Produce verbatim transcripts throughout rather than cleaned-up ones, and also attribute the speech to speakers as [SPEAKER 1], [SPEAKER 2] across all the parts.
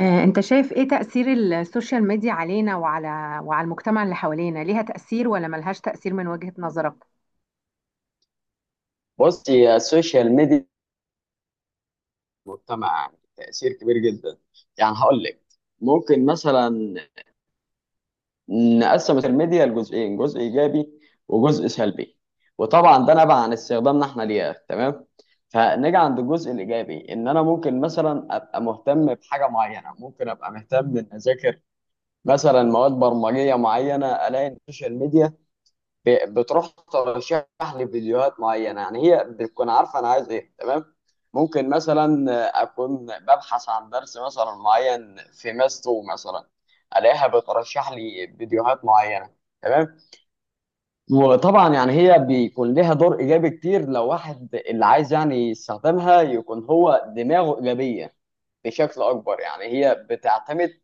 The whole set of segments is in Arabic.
[SPEAKER 1] آه، انت شايف ايه تأثير السوشيال ميديا علينا وعلى وعلى المجتمع اللي حوالينا ليها تأثير ولا ملهاش تأثير من وجهة نظرك؟
[SPEAKER 2] بص هي السوشيال ميديا في المجتمع يعني تأثير كبير جدا. يعني هقول لك ممكن مثلا نقسم السوشيال ميديا لجزئين، جزء إيجابي وجزء سلبي. وطبعا ده نبع عن استخدامنا احنا ليها. تمام. فنيجي عند الجزء الإيجابي، إن أنا ممكن مثلا أبقى مهتم بحاجة معينة، ممكن أبقى مهتم إن أذاكر مثلا مواد برمجية معينة. ألاقي إن السوشيال ميديا ب- بتروح ترشح لي فيديوهات معينه، يعني هي بتكون عارفه انا عايز ايه. تمام. ممكن مثلا اكون ببحث عن درس مثلا معين في ماس اتنين مثلا، الاقيها بترشح لي فيديوهات معينه. تمام. وطبعا يعني هي بيكون لها دور ايجابي كتير لو واحد اللي عايز يعني يستخدمها يكون هو دماغه ايجابيه بشكل اكبر. يعني هي بتعتمد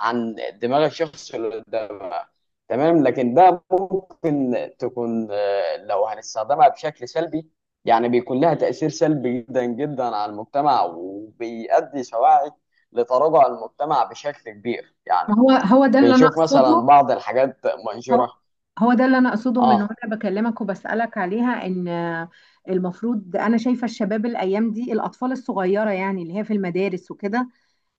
[SPEAKER 2] عن دماغ الشخص اللي قدامها. تمام. لكن ده ممكن تكون، آه، لو هنستخدمها بشكل سلبي، يعني بيكون لها تأثير سلبي جدا جدا على المجتمع وبيؤدي سواعي لتراجع المجتمع بشكل كبير.
[SPEAKER 1] ما
[SPEAKER 2] يعني
[SPEAKER 1] هو هو ده اللي انا
[SPEAKER 2] بنشوف
[SPEAKER 1] اقصده.
[SPEAKER 2] مثلا بعض الحاجات
[SPEAKER 1] هو
[SPEAKER 2] منشورة.
[SPEAKER 1] هو ده اللي انا اقصده من
[SPEAKER 2] اه.
[SPEAKER 1] وانا بكلمك وبسالك عليها، ان آه، المفروض انا شايفه الشباب الايام دي، الاطفال الصغيره يعني اللي هي في المدارس وكده،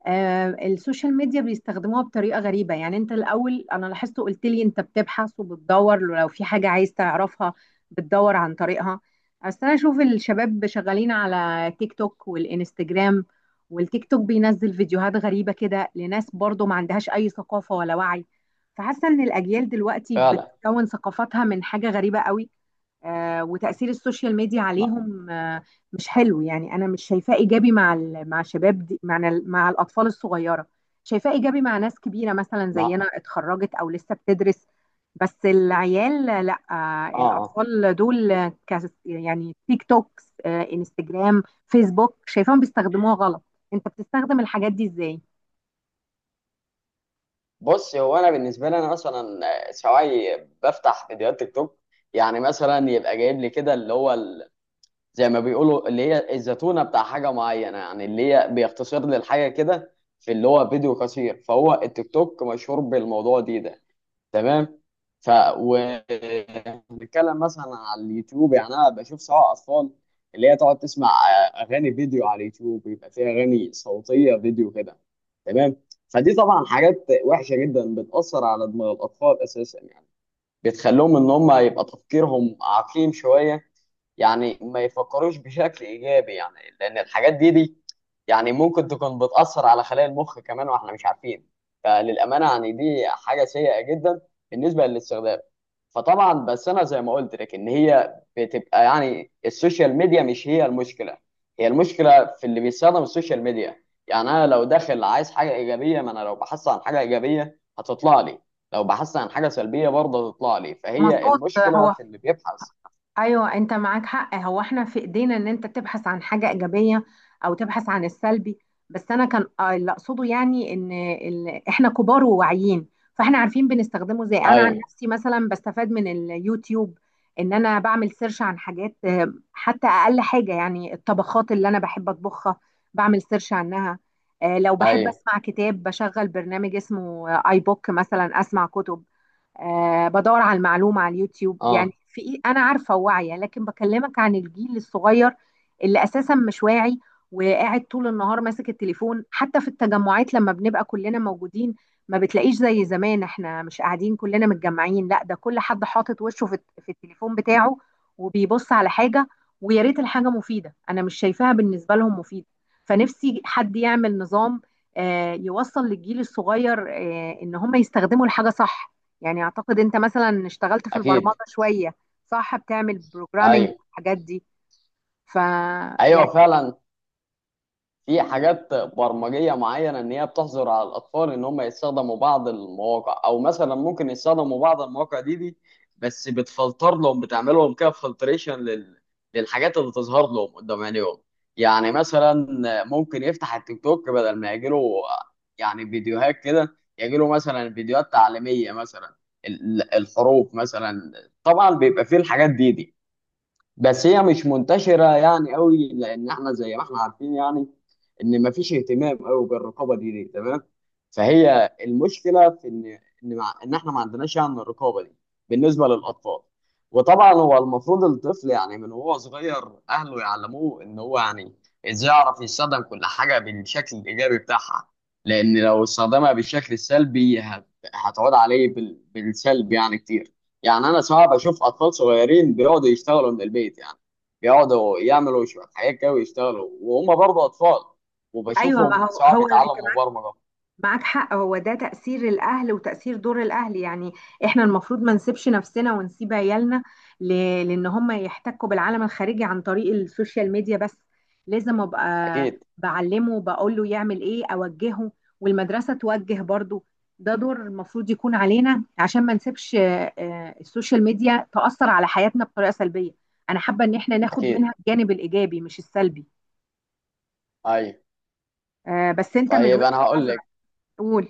[SPEAKER 1] آه، السوشيال ميديا بيستخدموها بطريقة غريبة. يعني انت الاول انا لاحظت قلت لي انت بتبحث وبتدور لو في حاجة عايز تعرفها، بتدور عن طريقها. بس انا اشوف الشباب شغالين على تيك توك والانستجرام، والتيك توك بينزل فيديوهات غريبة كده لناس برضو ما عندهاش اي ثقافة ولا وعي، فحاسة ان الاجيال دلوقتي
[SPEAKER 2] فعلا.
[SPEAKER 1] بتكون ثقافتها من حاجة غريبة قوي. آه، وتأثير السوشيال ميديا
[SPEAKER 2] ما
[SPEAKER 1] عليهم آه، مش حلو. يعني انا مش شايفاه ايجابي مع ال- مع شباب دي، مع ال- مع الاطفال الصغيره. شايفاه ايجابي مع ناس كبيره مثلا
[SPEAKER 2] ما.
[SPEAKER 1] زينا، اتخرجت او لسه بتدرس. بس العيال لا، آه،
[SPEAKER 2] اه. آه.
[SPEAKER 1] الاطفال دول آه، كاس- يعني تيك توكس، آه، انستجرام، فيسبوك، شايفاهم بيستخدموها غلط. انت بتستخدم الحاجات دي ازاي؟
[SPEAKER 2] بص هو انا بالنسبه لي انا مثلا آه، سواعي بفتح فيديوهات تيك توك. يعني مثلا يبقى جايب لي كده اللي هو زي ما بيقولوا اللي هي الزتونة بتاع حاجة معينة، يعني اللي هي بيختصر للحاجة كده في اللي هو فيديو قصير، فهو التيك توك مشهور بالموضوع دي ده. تمام. ف و بنتكلم مثلا على اليوتيوب، يعني انا بشوف سواء اطفال اللي هي تقعد تسمع آه، اغاني فيديو على اليوتيوب بيبقى فيها اغاني صوتية فيديو كده. تمام. فدي طبعا حاجات وحشة جدا بتأثر على دماغ الأطفال أساسا، يعني بتخليهم ان هم يبقى تفكيرهم عقيم شويه، يعني ما يفكروش بشكل ايجابي، يعني لان الحاجات دي دي يعني ممكن تكون بتاثر على خلايا المخ كمان واحنا مش عارفين. فللامانه يعني دي حاجه سيئه جدا بالنسبه للاستخدام. فطبعا بس انا زي ما قلت لك ان هي بتبقى يعني السوشيال ميديا مش هي المشكله، هي المشكله في اللي بيستخدم السوشيال ميديا. يعني انا لو داخل عايز حاجه ايجابيه، ما انا لو بحثت عن حاجه ايجابيه هتطلع لي، لو بحثت عن حاجه سلبيه برضه هتطلع لي، فهي
[SPEAKER 1] مظبوط. آه،
[SPEAKER 2] المشكله
[SPEAKER 1] هو
[SPEAKER 2] في اللي بيبحث.
[SPEAKER 1] ايوه، انت معاك حق. هو احنا في ايدينا ان انت تبحث عن حاجه ايجابيه او تبحث عن السلبي. بس انا كان آه، اللي اقصده يعني ان ال... احنا كبار وواعيين، فاحنا عارفين بنستخدمه ازاي. انا عن
[SPEAKER 2] ايوه،
[SPEAKER 1] نفسي مثلا بستفاد من اليوتيوب، ان انا بعمل سيرش عن حاجات آه، حتى اقل حاجه يعني الطبخات اللي انا بحب اطبخها بعمل سيرش عنها. آه، لو بحب
[SPEAKER 2] ايوه،
[SPEAKER 1] اسمع كتاب بشغل برنامج اسمه اي بوك مثلا اسمع كتب. آه بدور على المعلومة على اليوتيوب، يعني
[SPEAKER 2] اه،
[SPEAKER 1] في إيه. أنا عارفة واعية، لكن بكلمك عن الجيل الصغير اللي أساسا مش واعي، وقاعد طول النهار ماسك التليفون، حتى في التجمعات لما بنبقى كلنا موجودين ما بتلاقيش زي زمان احنا مش قاعدين كلنا متجمعين، لا ده كل حد حاطط وشه في في التليفون بتاعه وبيبص على حاجة. ويا ريت الحاجة مفيدة، أنا مش شايفاها بالنسبة لهم مفيدة. فنفسي حد يعمل نظام آه، يوصل للجيل الصغير آه، إن هم يستخدموا الحاجة صح. يعني اعتقد انت مثلا اشتغلت في
[SPEAKER 2] اكيد،
[SPEAKER 1] البرمجة شوية، صح؟ بتعمل بروجرامنج
[SPEAKER 2] ايوه،
[SPEAKER 1] والحاجات دي. ف
[SPEAKER 2] ايوه،
[SPEAKER 1] يعني
[SPEAKER 2] فعلا. في حاجات برمجيه معينه ان هي بتحظر على الاطفال ان هم يستخدموا بعض المواقع، او مثلا ممكن يستخدموا بعض المواقع دي دي بس بتفلتر لهم، بتعمل لهم كده فلتريشن لل... للحاجات اللي تظهر لهم قدام عينيهم. يعني مثلا ممكن يفتح التيك توك بدل ما يجيله يعني فيديوهات كده، يجيله مثلا فيديوهات تعليميه، مثلا ال- الحروف مثلا. طبعا بيبقى فيه الحاجات دي دي بس هي مش منتشرة يعني قوي، لأن احنا زي ما احنا عارفين يعني إن مفيش اهتمام قوي بالرقابة دي, دي تمام. فهي المشكلة في إن، إن مع إن احنا ما عندناش يعني الرقابة دي بالنسبة للأطفال. وطبعا هو المفروض الطفل يعني من وهو صغير أهله يعلموه إن هو يعني إزاي يعرف يستخدم كل حاجة بالشكل الإيجابي بتاعها، لأن لو استخدمها بالشكل السلبي هت- هتعود عليه بال- بالسلب يعني كتير. يعني انا صعب اشوف اطفال صغيرين بيقعدوا يشتغلوا من البيت، يعني بيقعدوا يعملوا شويه حاجات كده ويشتغلوا وهم برضه اطفال،
[SPEAKER 1] ايوه، ما
[SPEAKER 2] وبشوفهم
[SPEAKER 1] هو
[SPEAKER 2] صعب
[SPEAKER 1] هو انت
[SPEAKER 2] يتعلموا مبرمجه.
[SPEAKER 1] معاك حق. هو ده تأثير الأهل وتأثير دور الأهل يعني، إحنا المفروض ما نسيبش نفسنا ونسيب عيالنا ل... لأن هم يحتكوا بالعالم الخارجي عن طريق السوشيال ميديا بس. لازم أبقى
[SPEAKER 2] اكيد،
[SPEAKER 1] بعلمه، بقول له يعمل إيه، أوجهه، والمدرسة توجه برضه. ده دور المفروض يكون علينا عشان ما نسيبش آه، آه، السوشيال ميديا تأثر على حياتنا بطريقة سلبية. أنا حابة إن إحنا ناخد
[SPEAKER 2] اكيد،
[SPEAKER 1] منها الجانب الإيجابي مش السلبي.
[SPEAKER 2] ايوه.
[SPEAKER 1] آه، بس أنت من
[SPEAKER 2] طيب انا
[SPEAKER 1] وجهة
[SPEAKER 2] هقول
[SPEAKER 1] نظرك؟
[SPEAKER 2] لك،
[SPEAKER 1] قول.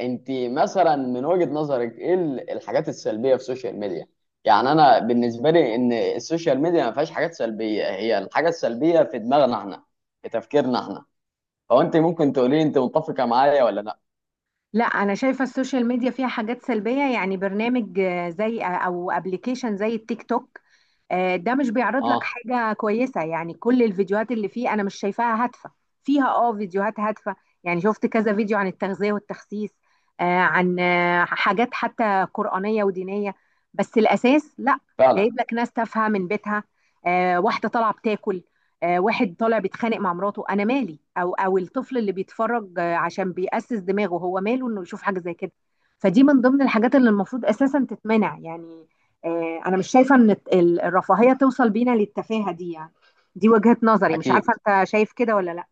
[SPEAKER 2] انت مثلا من وجهه نظرك ايه ال- الحاجات السلبيه في السوشيال ميديا؟ يعني انا بالنسبه لي ان السوشيال ميديا ما فيهاش حاجات سلبيه، هي الحاجه السلبيه في دماغنا احنا، في تفكيرنا احنا. فانت ممكن تقولي انت متفقه معايا ولا لا؟
[SPEAKER 1] لا انا شايفه السوشيال ميديا فيها حاجات سلبيه. يعني برنامج آه، زي او ابلكيشن زي التيك توك، آه، ده مش بيعرض لك
[SPEAKER 2] اه،
[SPEAKER 1] حاجة كويسة. يعني كل الفيديوهات اللي فيه أنا مش شايفاها هادفة. فيها اه فيديوهات هادفة، يعني شفت كذا فيديو عن التغذية والتخسيس، آه، عن آه، حاجات حتى قرآنية ودينية، بس الأساس لا.
[SPEAKER 2] فعلا،
[SPEAKER 1] جايب لك ناس تافهة من بيتها، آه، واحدة طالعة بتاكل، آه، واحد طالع بيتخانق مع مراته، أنا مالي؟ أو أو الطفل اللي بيتفرج آه، عشان بيأسس دماغه، هو ماله إنه يشوف حاجة زي كده؟ فدي من ضمن الحاجات اللي المفروض أساسا تتمنع يعني. آه، انا مش شايفه ان الت- ال- الرفاهيه توصل بينا للتفاهه دي يعني. دي وجهه نظري، مش عارفه
[SPEAKER 2] اكيد.
[SPEAKER 1] انت شايف كده ولا لا.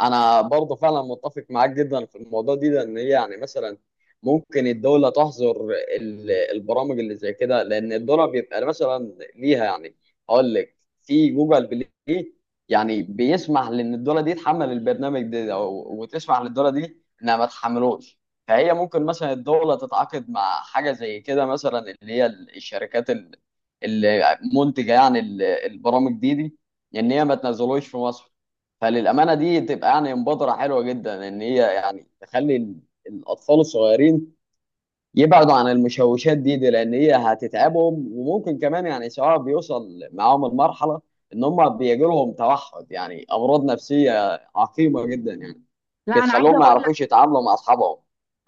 [SPEAKER 2] انا برضه فعلا متفق معاك جدا في الموضوع دي، لان هي يعني مثلا ممكن الدوله تحظر ال- البرامج اللي زي كده، لان الدوله بيبقى مثلا ليها يعني هقول لك في جوجل بلاي، يعني بيسمح لان الدوله دي تحمل البرنامج ده أو- وتسمح للدوله دي انها ما تحملوش. فهي ممكن مثلا الدوله تتعاقد مع حاجه زي كده مثلا اللي هي الشركات ال- المنتجه، يعني ال- البرامج دي دي ان هي ما تنزلوش في مصر. فللأمانة دي تبقى يعني مبادرة حلوة جدا إن هي يعني تخلي ال- الأطفال الصغيرين يبعدوا عن المشوشات دي, دي لأن هي هتتعبهم، وممكن كمان يعني سواء بيوصل معاهم المرحلة إن هم بيجي لهم توحد يعني أمراض نفسية عقيمة جدا، يعني
[SPEAKER 1] لا انا عايزه
[SPEAKER 2] بتخليهم ما
[SPEAKER 1] اقول،
[SPEAKER 2] يعرفوش يتعاملوا مع أصحابهم.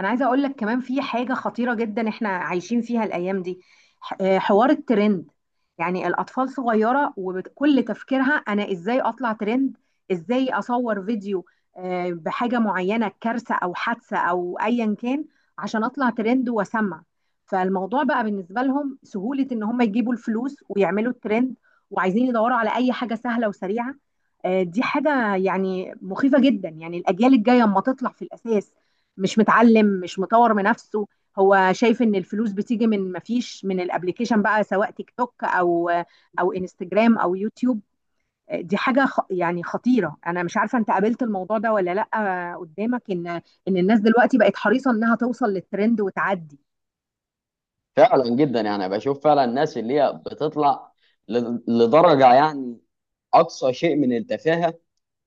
[SPEAKER 1] انا عايزه اقول لك كمان في حاجه خطيره جدا احنا عايشين فيها الايام دي. ح- آه، حوار الترند، يعني الاطفال صغيره وكل تفكيرها انا ازاي اطلع ترند، ازاي اصور فيديو آه، بحاجه معينه، كارثه او حادثه او ايا كان، عشان اطلع ترند واسمع. فالموضوع بقى بالنسبه لهم سهوله، ان هم يجيبوا الفلوس ويعملوا الترند، وعايزين يدوروا على اي حاجه سهله وسريعه. آه، دي حاجه يعني مخيفه جدا. يعني الاجيال الجايه اما تطلع في الاساس مش متعلم، مش مطور من نفسه، هو شايف ان الفلوس بتيجي من مفيش، من الابليكيشن بقى سواء تيك توك او او انستجرام او يوتيوب. دي حاجه خ- يعني خطيره. انا مش عارفه انت قابلت الموضوع ده ولا لا، قدامك ان ان الناس دلوقتي بقت حريصه انها توصل للترند وتعدي؟
[SPEAKER 2] فعلا جدا، يعني بشوف فعلا الناس اللي هي بتطلع ل- لدرجة يعني أقصى شيء من التفاهة.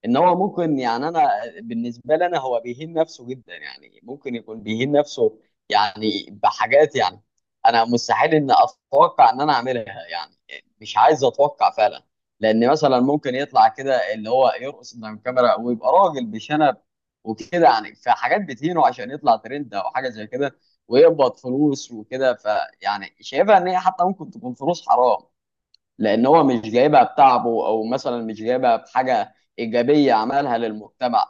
[SPEAKER 2] ان هو ممكن، يعني انا بالنسبه لي انا هو بيهين نفسه جدا، يعني ممكن يكون بيهين نفسه يعني بحاجات، يعني انا مستحيل ان اتوقع ان انا اعملها، يعني مش عايز اتوقع فعلا. لان مثلا ممكن يطلع كده اللي هو يرقص قدام الكاميرا ويبقى راجل بشنب وكده، يعني في حاجات بتهينه عشان يطلع ترند او حاجه زي كده ويقبض فلوس وكده. فيعني شايفها ان هي حتى ممكن تكون فلوس حرام، لان هو مش جايبها بتعبه او مثلا مش جايبها بحاجه ايجابيه عملها للمجتمع،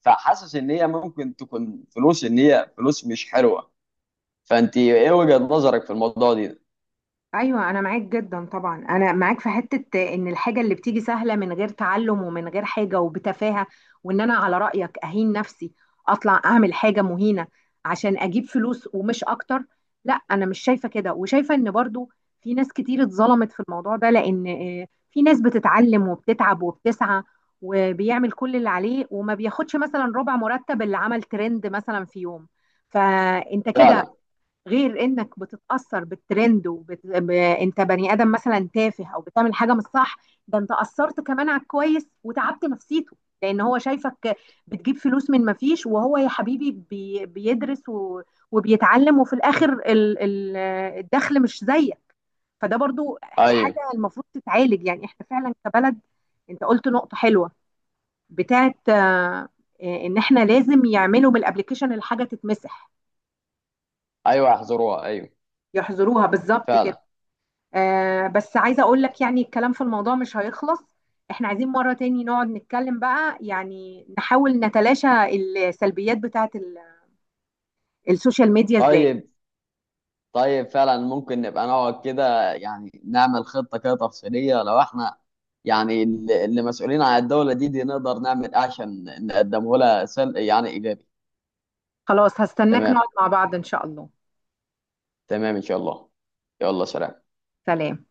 [SPEAKER 2] فحاسس ان هي ممكن تكون فلوس ان هي فلوس مش حلوه. فانت ايه وجهه نظرك في الموضوع دي؟
[SPEAKER 1] ايوه، انا معاك جدا طبعا. انا معاك في حته ان الحاجه اللي بتيجي سهله من غير تعلم ومن غير حاجه وبتفاهه، وان انا على رايك اهين نفسي، اطلع اعمل حاجه مهينه عشان اجيب فلوس ومش اكتر. لا، انا مش شايفه كده، وشايفه ان برضو في ناس كتير اتظلمت في الموضوع ده. لان آه، في ناس بتتعلم وبتتعب وبتسعى وبيعمل كل اللي عليه، وما بياخدش مثلا ربع مرتب اللي عمل ترند مثلا في يوم. فانت كده،
[SPEAKER 2] فعلا،
[SPEAKER 1] غير انك بتتاثر بالترند وبت... ب... انت بني ادم مثلا تافه او بتعمل حاجه مش صح، ده انت اثرت كمان على الكويس وتعبت نفسيته، لان هو شايفك بتجيب فلوس من ما فيش، وهو يا حبيبي بي... بيدرس و... وبيتعلم، وفي الاخر ال... ال... الدخل مش زيك. فده برضو حاجه
[SPEAKER 2] ايوه،
[SPEAKER 1] المفروض تتعالج، يعني احنا فعلا كبلد. انت قلت نقطه حلوه بتاعت آه، ان احنا لازم يعملوا من الابلكيشن الحاجه تتمسح،
[SPEAKER 2] ايوه، احذروها، ايوه،
[SPEAKER 1] يحظروها بالظبط كده.
[SPEAKER 2] فعلا.
[SPEAKER 1] آه بس عايزة اقول لك يعني الكلام في الموضوع مش هيخلص. احنا عايزين مرة تاني نقعد نتكلم بقى، يعني نحاول نتلاشى السلبيات بتاعت ال- السوشيال ميديا ازاي.
[SPEAKER 2] طيب، طيب، فعلا ممكن نبقى نقعد كده يعني نعمل خطه كده تفصيليه لو احنا يعني اللي اللي مسؤولين عن الدوله دي دي نقدر نعمل إيه عشان نقدمه لها، سل... يعني ايجابي.
[SPEAKER 1] خلاص، هستناك
[SPEAKER 2] تمام.
[SPEAKER 1] نقعد مع بعض ان شاء الله.
[SPEAKER 2] تمام، ان شاء الله. يلا، سلام.
[SPEAKER 1] سلام.